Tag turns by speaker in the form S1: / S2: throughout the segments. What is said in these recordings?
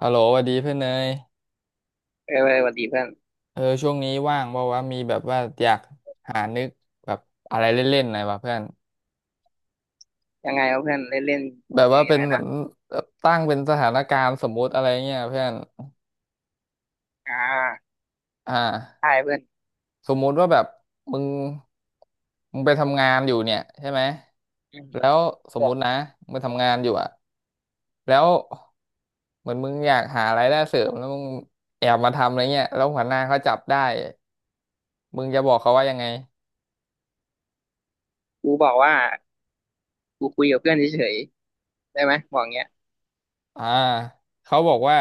S1: ฮัลโหลสวัสดีเพื่อนเนย
S2: เออสวัสดีเพื่อน
S1: เออช่วงนี้ว่างบอกว่าวะมีแบบว่าอยากหานึกแบบอะไรเล่นๆหน่อยวะเพื่อน
S2: ยังไงวะเพื่อนเล่นเล่น
S1: แบบ
S2: คื
S1: ว่า
S2: อ
S1: เป็
S2: ยัง
S1: น
S2: ไง
S1: เหมือ
S2: นะ
S1: นตั้งเป็นสถานการณ์สมมุติอะไรเงี้ยเพื่อน
S2: อ่า
S1: อ่า
S2: ใช่เพื่อน
S1: สมมุติว่าแบบมึงมึงไปทำงานอยู่เนี่ยใช่ไหม
S2: อืม
S1: แล้วส
S2: บ
S1: ม
S2: อ
S1: มุ
S2: ก
S1: ตินะมึงไปทำงานอยู่อะแล้วเหมือนมึงอยากหารายได้เสริมแล้วมึงแอบมาทำอะไรเงี้ยแล้วหัวหน้าเขาจับได้มึงจะบอกเขาว่ายังไง
S2: กูบอกว่ากูคุยกับเพื่อนเฉยๆได้ไหมบอกเงี้ย
S1: อ่าเขาบอกว่า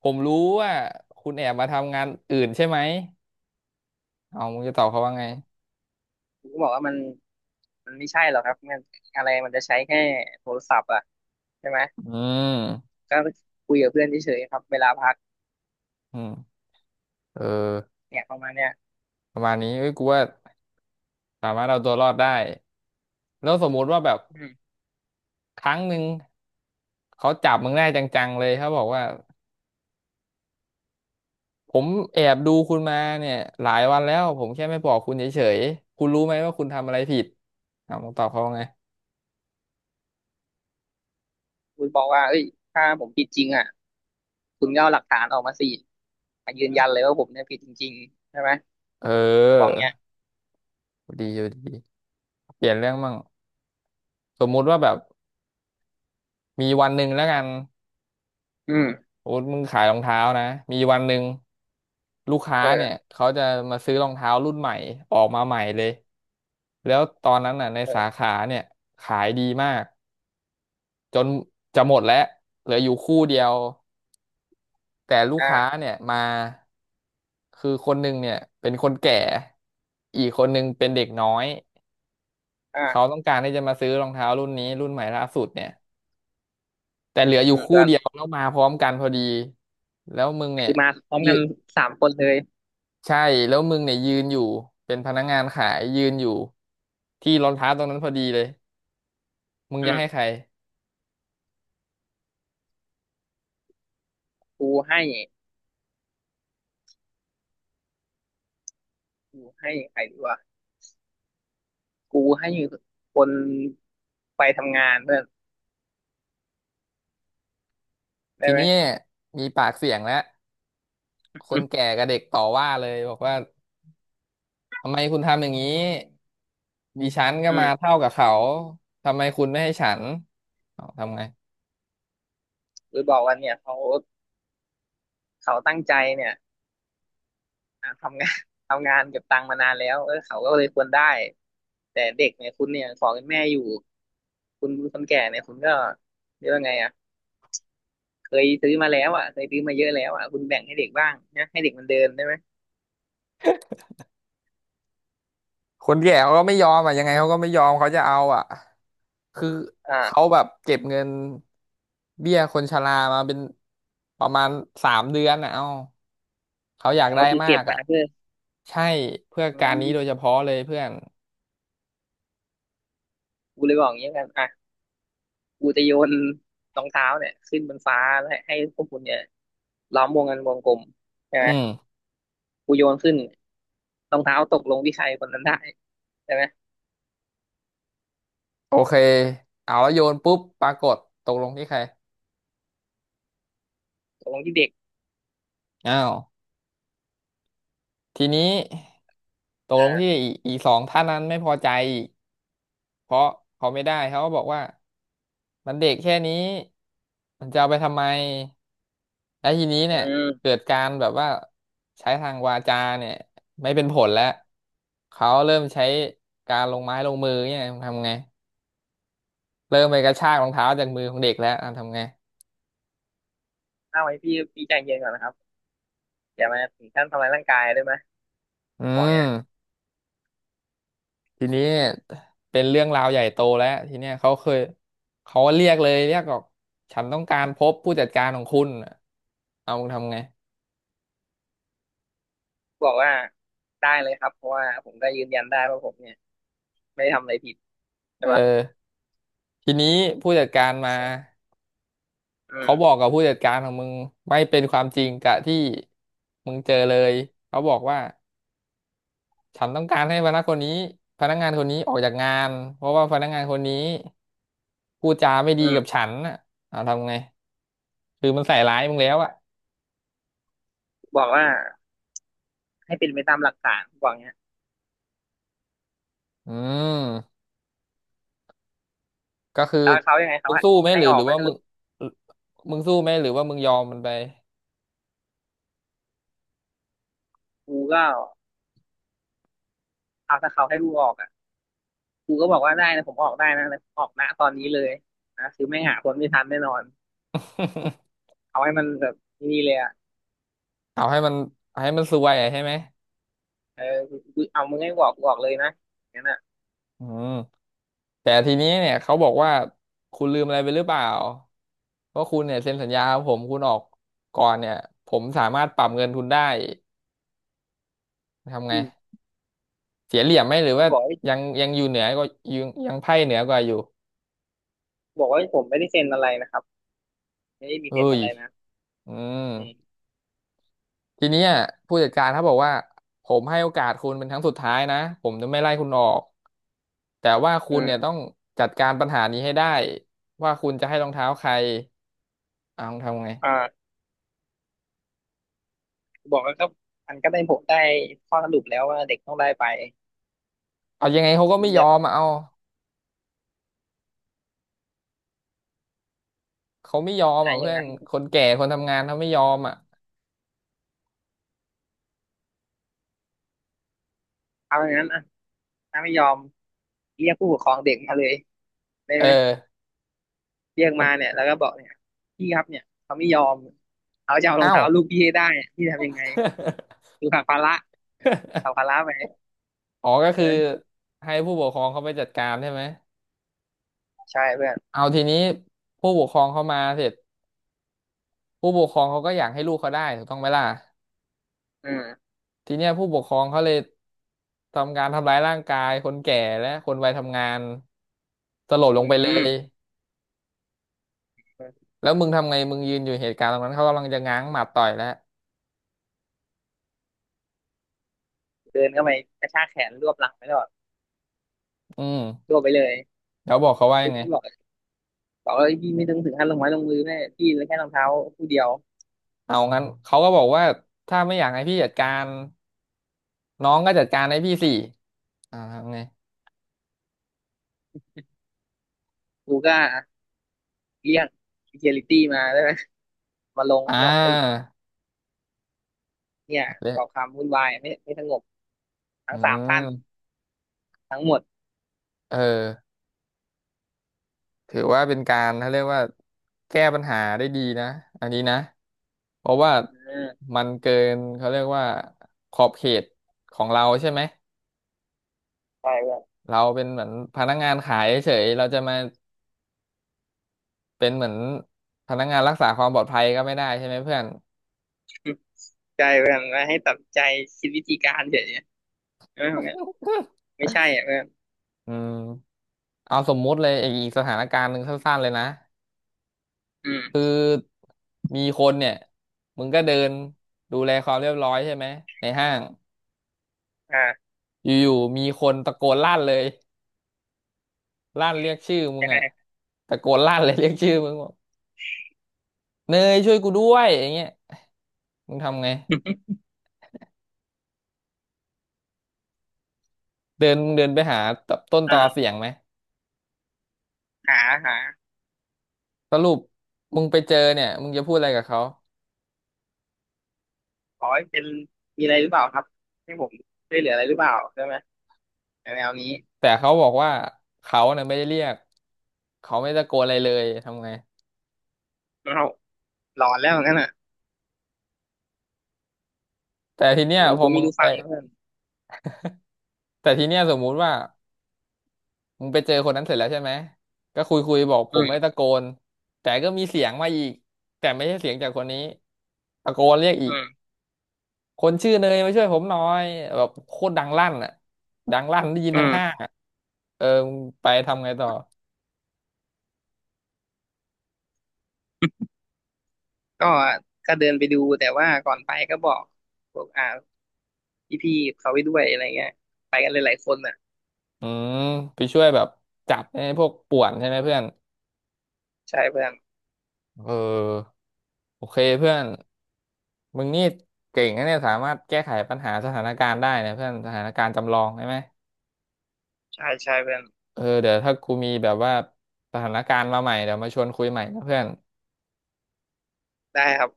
S1: ผมรู้ว่าคุณแอบมาทำงานอื่นใช่ไหมเอามึงจะตอบเขาว่าไง
S2: กูก็บอกว่ามันไม่ใช่หรอกครับมันอะไรมันจะใช้แค่โทรศัพท์อ่ะใช่ไหม
S1: อืม
S2: ก็คุยกับเพื่อนเฉยๆครับเวลาพัก
S1: อืมเออ
S2: เนี่ยประมาณเนี้ย
S1: ประมาณนี้เอ้ยกูว่าสามารถเอาตัวรอดได้แล้วสมมุติว่าแบบ
S2: อืม
S1: ครั้งหนึ่งเขาจับมึงได้จังๆเลยเขาบอกว่าผมแอบดูคุณมาเนี่ยหลายวันแล้วผมแค่ไม่บอกคุณเฉยๆคุณรู้ไหมว่าคุณทำอะไรผิดเอามึงตอบเขาว่าไง
S2: กูบอกว่าเอ้ยถ้าผมผิดจริงอ่ะคุณก็เอาหลักฐานออกมาสิมายืนยันเลยว่าผมเนี่ยผิดจริงๆใช่ไหม
S1: เ
S2: บอก
S1: ออ
S2: เงี้ย
S1: ดีอยู่ดีเปลี่ยนเรื่องมั่งสมมุติว่าแบบมีวันหนึ่งแล้วกัน
S2: อืม
S1: โอ๊ตมึงขายรองเท้านะมีวันหนึ่งลูกค้า
S2: เอ
S1: เนี่
S2: อ
S1: ยเขาจะมาซื้อรองเท้ารุ่นใหม่ออกมาใหม่เลยแล้วตอนนั้นน่ะใน
S2: เอ
S1: สา
S2: อ
S1: ขาเนี่ยขายดีมากจนจะหมดแล้วเหลืออยู่คู่เดียวแต่ลูกค้า
S2: อ่า
S1: เนี่ยมาคือคนหนึ่งเนี่ยเป็นคนแก่อีกคนหนึ่งเป็นเด็กน้อยเขา
S2: อ่า
S1: ต้องการที่จะมาซื้อรองเท้ารุ่นนี้รุ่นใหม่ล่าสุดเนี่ยแต่เหลืออ
S2: อื
S1: ยู่
S2: ม
S1: คู่
S2: เพื่อน
S1: เดียวแล้วมาพร้อมกันพอดีแล้วมึงเนี่ย
S2: คือมาพร้อมกันสามคนเลย
S1: ใช่แล้วมึงเนี่ยยืนอยู่เป็นพนักงานขายยืนอยู่ที่รองเท้าตรงนั้นพอดีเลยมึง
S2: อื
S1: จะให้
S2: ม
S1: ใคร
S2: กูให้กูให้ใครดีวะกูให้คนไปทำงานเพื่อนได้
S1: ที
S2: ไหม
S1: เนี้ยมีปากเสียงแล้วค
S2: อื
S1: น
S2: ม
S1: แก่กับเด็กต่อว่าเลยบอกว่าทำไมคุณทำอย่างนี้ดิฉันก็
S2: อื
S1: มา
S2: ม
S1: เท่ากับเขาทำไมคุณไม่ให้ฉันเอาทำไง
S2: กูบอกว่าเนี่ยเขาตั้งใจเนี่ยอ่ะทำงาน ทำงานเก็บตังค์มานานแล้วเออเขาก็เลยควรได้แต่เด็กเนี่ยคุณเนี่ยขอเป็นแม่อยู่คุณคนแก่เนี่ยคุณก็เรียกว่าไงอ่ะเคยซื้อมาแล้วอ่ะเคยซื้อมาเยอะแล้วอ่ะคุณแบ่งให้เด็กบ้างนะให้เด็กมันเดินได้ไหม
S1: คนแก่เขาก็ไม่ยอมอ่ะยังไงเขาก็ไม่ยอมเขาจะเอาอ่ะคือเขา
S2: อ่า
S1: แบบเก็บเงินเบี้ยคนชรามาเป็นประมาณ3 เดือนอ่ะเอ้าเขาอ
S2: ข
S1: ยาก
S2: อง
S1: ได้
S2: ก็คือ
S1: มา
S2: เก็บ
S1: ก
S2: มา
S1: อ่ะ
S2: เพื่อ
S1: ใช่เพื่อ
S2: อื
S1: การนี้โดยเฉ
S2: ม
S1: พาะเลยเพื่อน
S2: กูเลยบอกอย่างนี้กันอ่ะ กูจะโยนรองเท้าเนี่ยขึ้นบนฟ้าแล้วให้พวกคุณเนี่ยล้อมวงกันวงกลมใช่ไห
S1: อื
S2: ม
S1: ม
S2: กูโยนขึ้นรองเท้าตกลงที่ใครคนนั้นได้ใช่ไหม
S1: โอเคเอาแล้วโยนปุ๊บปรากฏตกลงที่ใคร
S2: ตกลงที่เด็ก
S1: อ้าวทีนี้ตกลงที่
S2: อ่า
S1: อีสองท่านนั้นไม่พอใจ เพราะเขาไม่ได้เขาก็บอกว่ามันเด็กแค่นี้มันจะเอาไปทำไมแล้วทีนี้
S2: อื
S1: เนี่ยเกิ
S2: ม
S1: ดการแบบว่าใช้ทางวาจาเนี่ยไม่เป็นผลแล้วเขาเริ่มใช้การลงไม้ลงมือเนี่ยทำไงเริ่มไปกระชากรองเท้าจากมือของเด็กแล้วอ่ะทำไง
S2: เอาไว้พี่พี่ใจเย็นก่อนนะครับอย่ามาถึงขั้นทำร้ายร่างกายได้ไหม
S1: อื
S2: บอก
S1: ม
S2: เนี้ย
S1: ทีนี้เนี่ยเป็นเรื่องราวใหญ่โตแล้วทีเนี้ยเขาเคยเขาเรียกเลยเรียกบอกฉันต้องการพบผู้จัดการของคุณเอามึงทำไง
S2: บอกว่าได้เลยครับเพราะว่าผมก็ยืนยันได้ว่าผมเนี่ยไม่ได้ทำอะไรผิดใช่
S1: เอ
S2: ปะ
S1: อ ทีนี้ผู้จัดการมา
S2: อื
S1: เขา
S2: ม
S1: บอกกับผู้จัดการของมึงไม่เป็นความจริงกับที่มึงเจอเลยเขาบอกว่าฉันต้องการให้พนักคนนี้พนักงานคนนี้ออกจากงานเพราะว่าพนักงานคนนี้พูดจาไม่ดี
S2: อืม
S1: กับฉันน่ะเอาทำไงคือมันใส่ร้ายมึงแล้วอ่ะ
S2: บอกว่าให้เป็นไปตามหลักฐานบอกเนี้ย
S1: อืมก็คือ
S2: แล้วเขายังไงเขา
S1: มึงสู้ไหมห
S2: ให้
S1: รือ
S2: ออ
S1: ห
S2: ก
S1: รือ
S2: ไหม
S1: ว่า
S2: ถ้า
S1: มึ
S2: ลู
S1: ง
S2: ก
S1: มึงสู้ไหมหรือว่ามึงยอมมันไป
S2: กูก็เอาถ้าเขาให้ลูกออกอ่ะ ครูก็บอกว่าได้นะผมออกได้นะแต่ผมออกนะตอนนี้เลยนะคือไม่หาคนไม่ทันแน่นอน เอาให้มันแบบนี่เลยอ่ะ
S1: เอาให้มันให้มันซวยอะใช่ไหม
S2: เออคือเอามึงให้บอกเลยนะอย่างนั้นอ่ะ
S1: อืม แต่ทีนี้เนี่ยเขาบอกว่าคุณลืมอะไรไปหรือเปล่าว่าคุณเนี่ยเซ็นสัญญากับผมคุณออกก่อนเนี่ยผมสามารถปรับเงินทุนได้ทำไง
S2: อืม
S1: เสียเหลี่ยมไหมหรือ
S2: ครู
S1: ว่า
S2: บอกว่า
S1: ยังอยู่เหนือก็ยังไพ่เหนือกว่าอยู่
S2: บอกว่าผมไม่ได้เซ็นอะไรนะครับไม่ได้มี
S1: เฮ้
S2: เซ็น
S1: ย
S2: อะไรนะ
S1: อืม
S2: อืม
S1: ทีเนี้ยผู้จัดการเขาบอกว่าผมให้โอกาสคุณเป็นครั้งสุดท้ายนะผมจะไม่ไล่คุณออกแต่ว่าคุ
S2: อื
S1: ณเนี่ยต้อ
S2: ม
S1: งจัดการปัญหานี้ให้ได้ว่าคุณจะให้รองเท้าใครเอาทำไง
S2: อ่าครูบอกว่าก็มันก็ได้ผมได้ข้อสรุปแล้วว่าเด็กต้องได้ไป
S1: เอายังไงเขาก็
S2: คุ
S1: ไม่
S2: ณ
S1: ย
S2: จะ
S1: อ
S2: ต้
S1: ม
S2: อง
S1: อะเอา เขาไม่ยอม
S2: อ่า
S1: อ่ะ
S2: อย่า
S1: เพื่
S2: ง
S1: อน
S2: นั้น
S1: คนแก่คนทำงานเขาไม่ยอมอ่ะ
S2: เอาอย่างนั้นอ่ะถ้าไม่ยอมเรียกผู้ปกครองเด็กมาเลยได้
S1: เอ
S2: ไหม
S1: อ
S2: เรียก
S1: เอา
S2: มา เนี่ยแล้วก็บอกเนี่ยพี่ครับเนี่ยเขาไม่ยอมเขาจะเอารอง
S1: อ้าว
S2: เท้าลูกพี่ให้ได้พี่ทำยังไง อยู่ฝั่งพาระฝั่งพาระไหม
S1: อ๋อก็
S2: เอ
S1: คือ
S2: อ
S1: ให้ผู้ปกครองเขาไปจัดการใช่ไหม
S2: ใช่เพื่อน
S1: เอาทีนี้ผู้ปกครองเขามาเสร็จผู้ปกครองเขาก็อยากให้ลูกเขาได้ถูกต้องไหมล่ะ
S2: อืม
S1: ทีเนี้ยผู้ปกครองเขาเลยทำการทำร้ายร่างกายคนแก่และคนวัยทำงานสลบล
S2: อื
S1: งไปเล
S2: ม
S1: ยแล้วมึงทำไงมึงยืนอยู่เหตุการณ์ตรงนั้นเขากำลังจะง้างหมัดต่อยแล้ว
S2: เดินเข้าไปกระชากแขนรวบหลังไปตลอด
S1: อื
S2: ร
S1: ม
S2: วบไปเลย
S1: แล้วบอกเขาว่า
S2: ลู
S1: ยั
S2: ก
S1: งไง
S2: พี่บอกบอกว่าพี่ไม่ต้องถึงขั้นลงไม้ลงมือแม่พี่เหลือแค่รองเท้าคู่เดียว
S1: เอางั้นเขาก็บอกว่าถ้าไม่อยากให้พี่จัดการน้องก็จัดการให้พี่สิทำไง
S2: กูก็เรียกเ e c u r i ตี้มาได้ไหมมาลง
S1: อ่
S2: บอกไอ้ย
S1: า
S2: เนี่ยก่อ
S1: เละ
S2: ความวุ่นวายไม่สงบทั้
S1: อื
S2: งสามท่าน
S1: ม
S2: ทั้งหมด
S1: เออถือว่าเป็นการเขาเรียกว่าแก้ปัญหาได้ดีนะอันนี้นะเพราะว่า
S2: เออ
S1: มันเกินเขาเรียกว่าขอบเขตของเราใช่ไหม
S2: ใช่เพื่อน
S1: เราเป็นเหมือนพนักงานขายเฉยเราจะมาเป็นเหมือนพนักงานรักษาความปลอดภัยก็ไม่ได้ใช่ไหมเพื่อน
S2: ใช่เพื่อนมาให้ตัดใจคิดวิธีการเฉยๆเออไม่ใช่อ่ะเพื่อน
S1: อืมเอาสมมุติเลยอีกสถานการณ์หนึ่งสั้นๆเลยนะ
S2: อื
S1: คือ
S2: ม
S1: มีคนเนี่ยมึงก็เดินดูแลความเรียบร้อยใช่ไหมในห้าง
S2: อ่า
S1: อยู่ๆมีคนตะโกนลั่นเลยลั่นเรียกชื่อมึง
S2: ยังไง
S1: อะตะโกนลั่นเลยเรียกชื่อมึงบอกเนยช่วยกูด้วยอย่างเงี้ยมึงทำไงเดินมึงเดินไปหาต้นตอเสี
S2: อ่า
S1: ยงไหม
S2: หาหา
S1: สรุปมึงไปเจอเนี่ยมึงจะพูดอะไรกับเขา
S2: ขอให้เป็นมีอะไรหรือเปล่าครับให้ผมช่วยเหลืออะไรหรือเปล่าใช่ไหมแนวๆนี้
S1: แต่เขาบอกว่าเขาเนี่ยไม่ได้เรียกเขาไม่ตะโกนอะไรเลยทำไง
S2: วเราหลอนแล้วงั้นอ่ะ
S1: แต่ทีเนี้
S2: คื
S1: ย
S2: อมัน
S1: พอ
S2: คุย
S1: มึ
S2: ไม่
S1: ง
S2: รู้
S1: ไป
S2: ฟังแล้วเพื่อน
S1: แต่ทีเนี้ยสมมุติว่า มึงไปเจอคนนั้นเสร็จแล้วใช่ไหมก็คุยคุยบอกผ
S2: อื
S1: มไม่
S2: ม
S1: ตะโกนแต่ก็มีเสียงมาอีกแต่ไม่ใช่เสียงจากคนนี้ตะโกนเรียกอี
S2: อื
S1: ก
S2: ม
S1: คนชื่อเนยมาช่วยผมหน่อยแบบโคตรดังลั่นอ่ะดังลั่นได้ยิน
S2: อื
S1: ทั้งห้า
S2: ม
S1: งอ่ะเออมึงไปทำไงต่อ
S2: ก็ก็เดินไปดูแต่ว่าก่อนไปก็บอกพวกอ่าพี่ๆเขาไปด้วยอะไรเงี้ยไปกันหลายๆคนอ่ะ
S1: อืมไปช่วยแบบจับไอ้พวกป่วนใช่ไหมเพื่อน
S2: ใช่เพื่อน
S1: เออโอเคเพื่อนมึงนี่เก่งนะเนี่ยสามารถแก้ไขปัญหาสถานการณ์ได้นะเพื่อนสถานการณ์จำลองใช่ไหม
S2: ใช่ใช่เพื่อน
S1: เออเดี๋ยวถ้ากูมีแบบว่าสถานการณ์มาใหม่เดี๋ยวมาชวนคุยใหม่นะเพื่อน
S2: ได้ครับ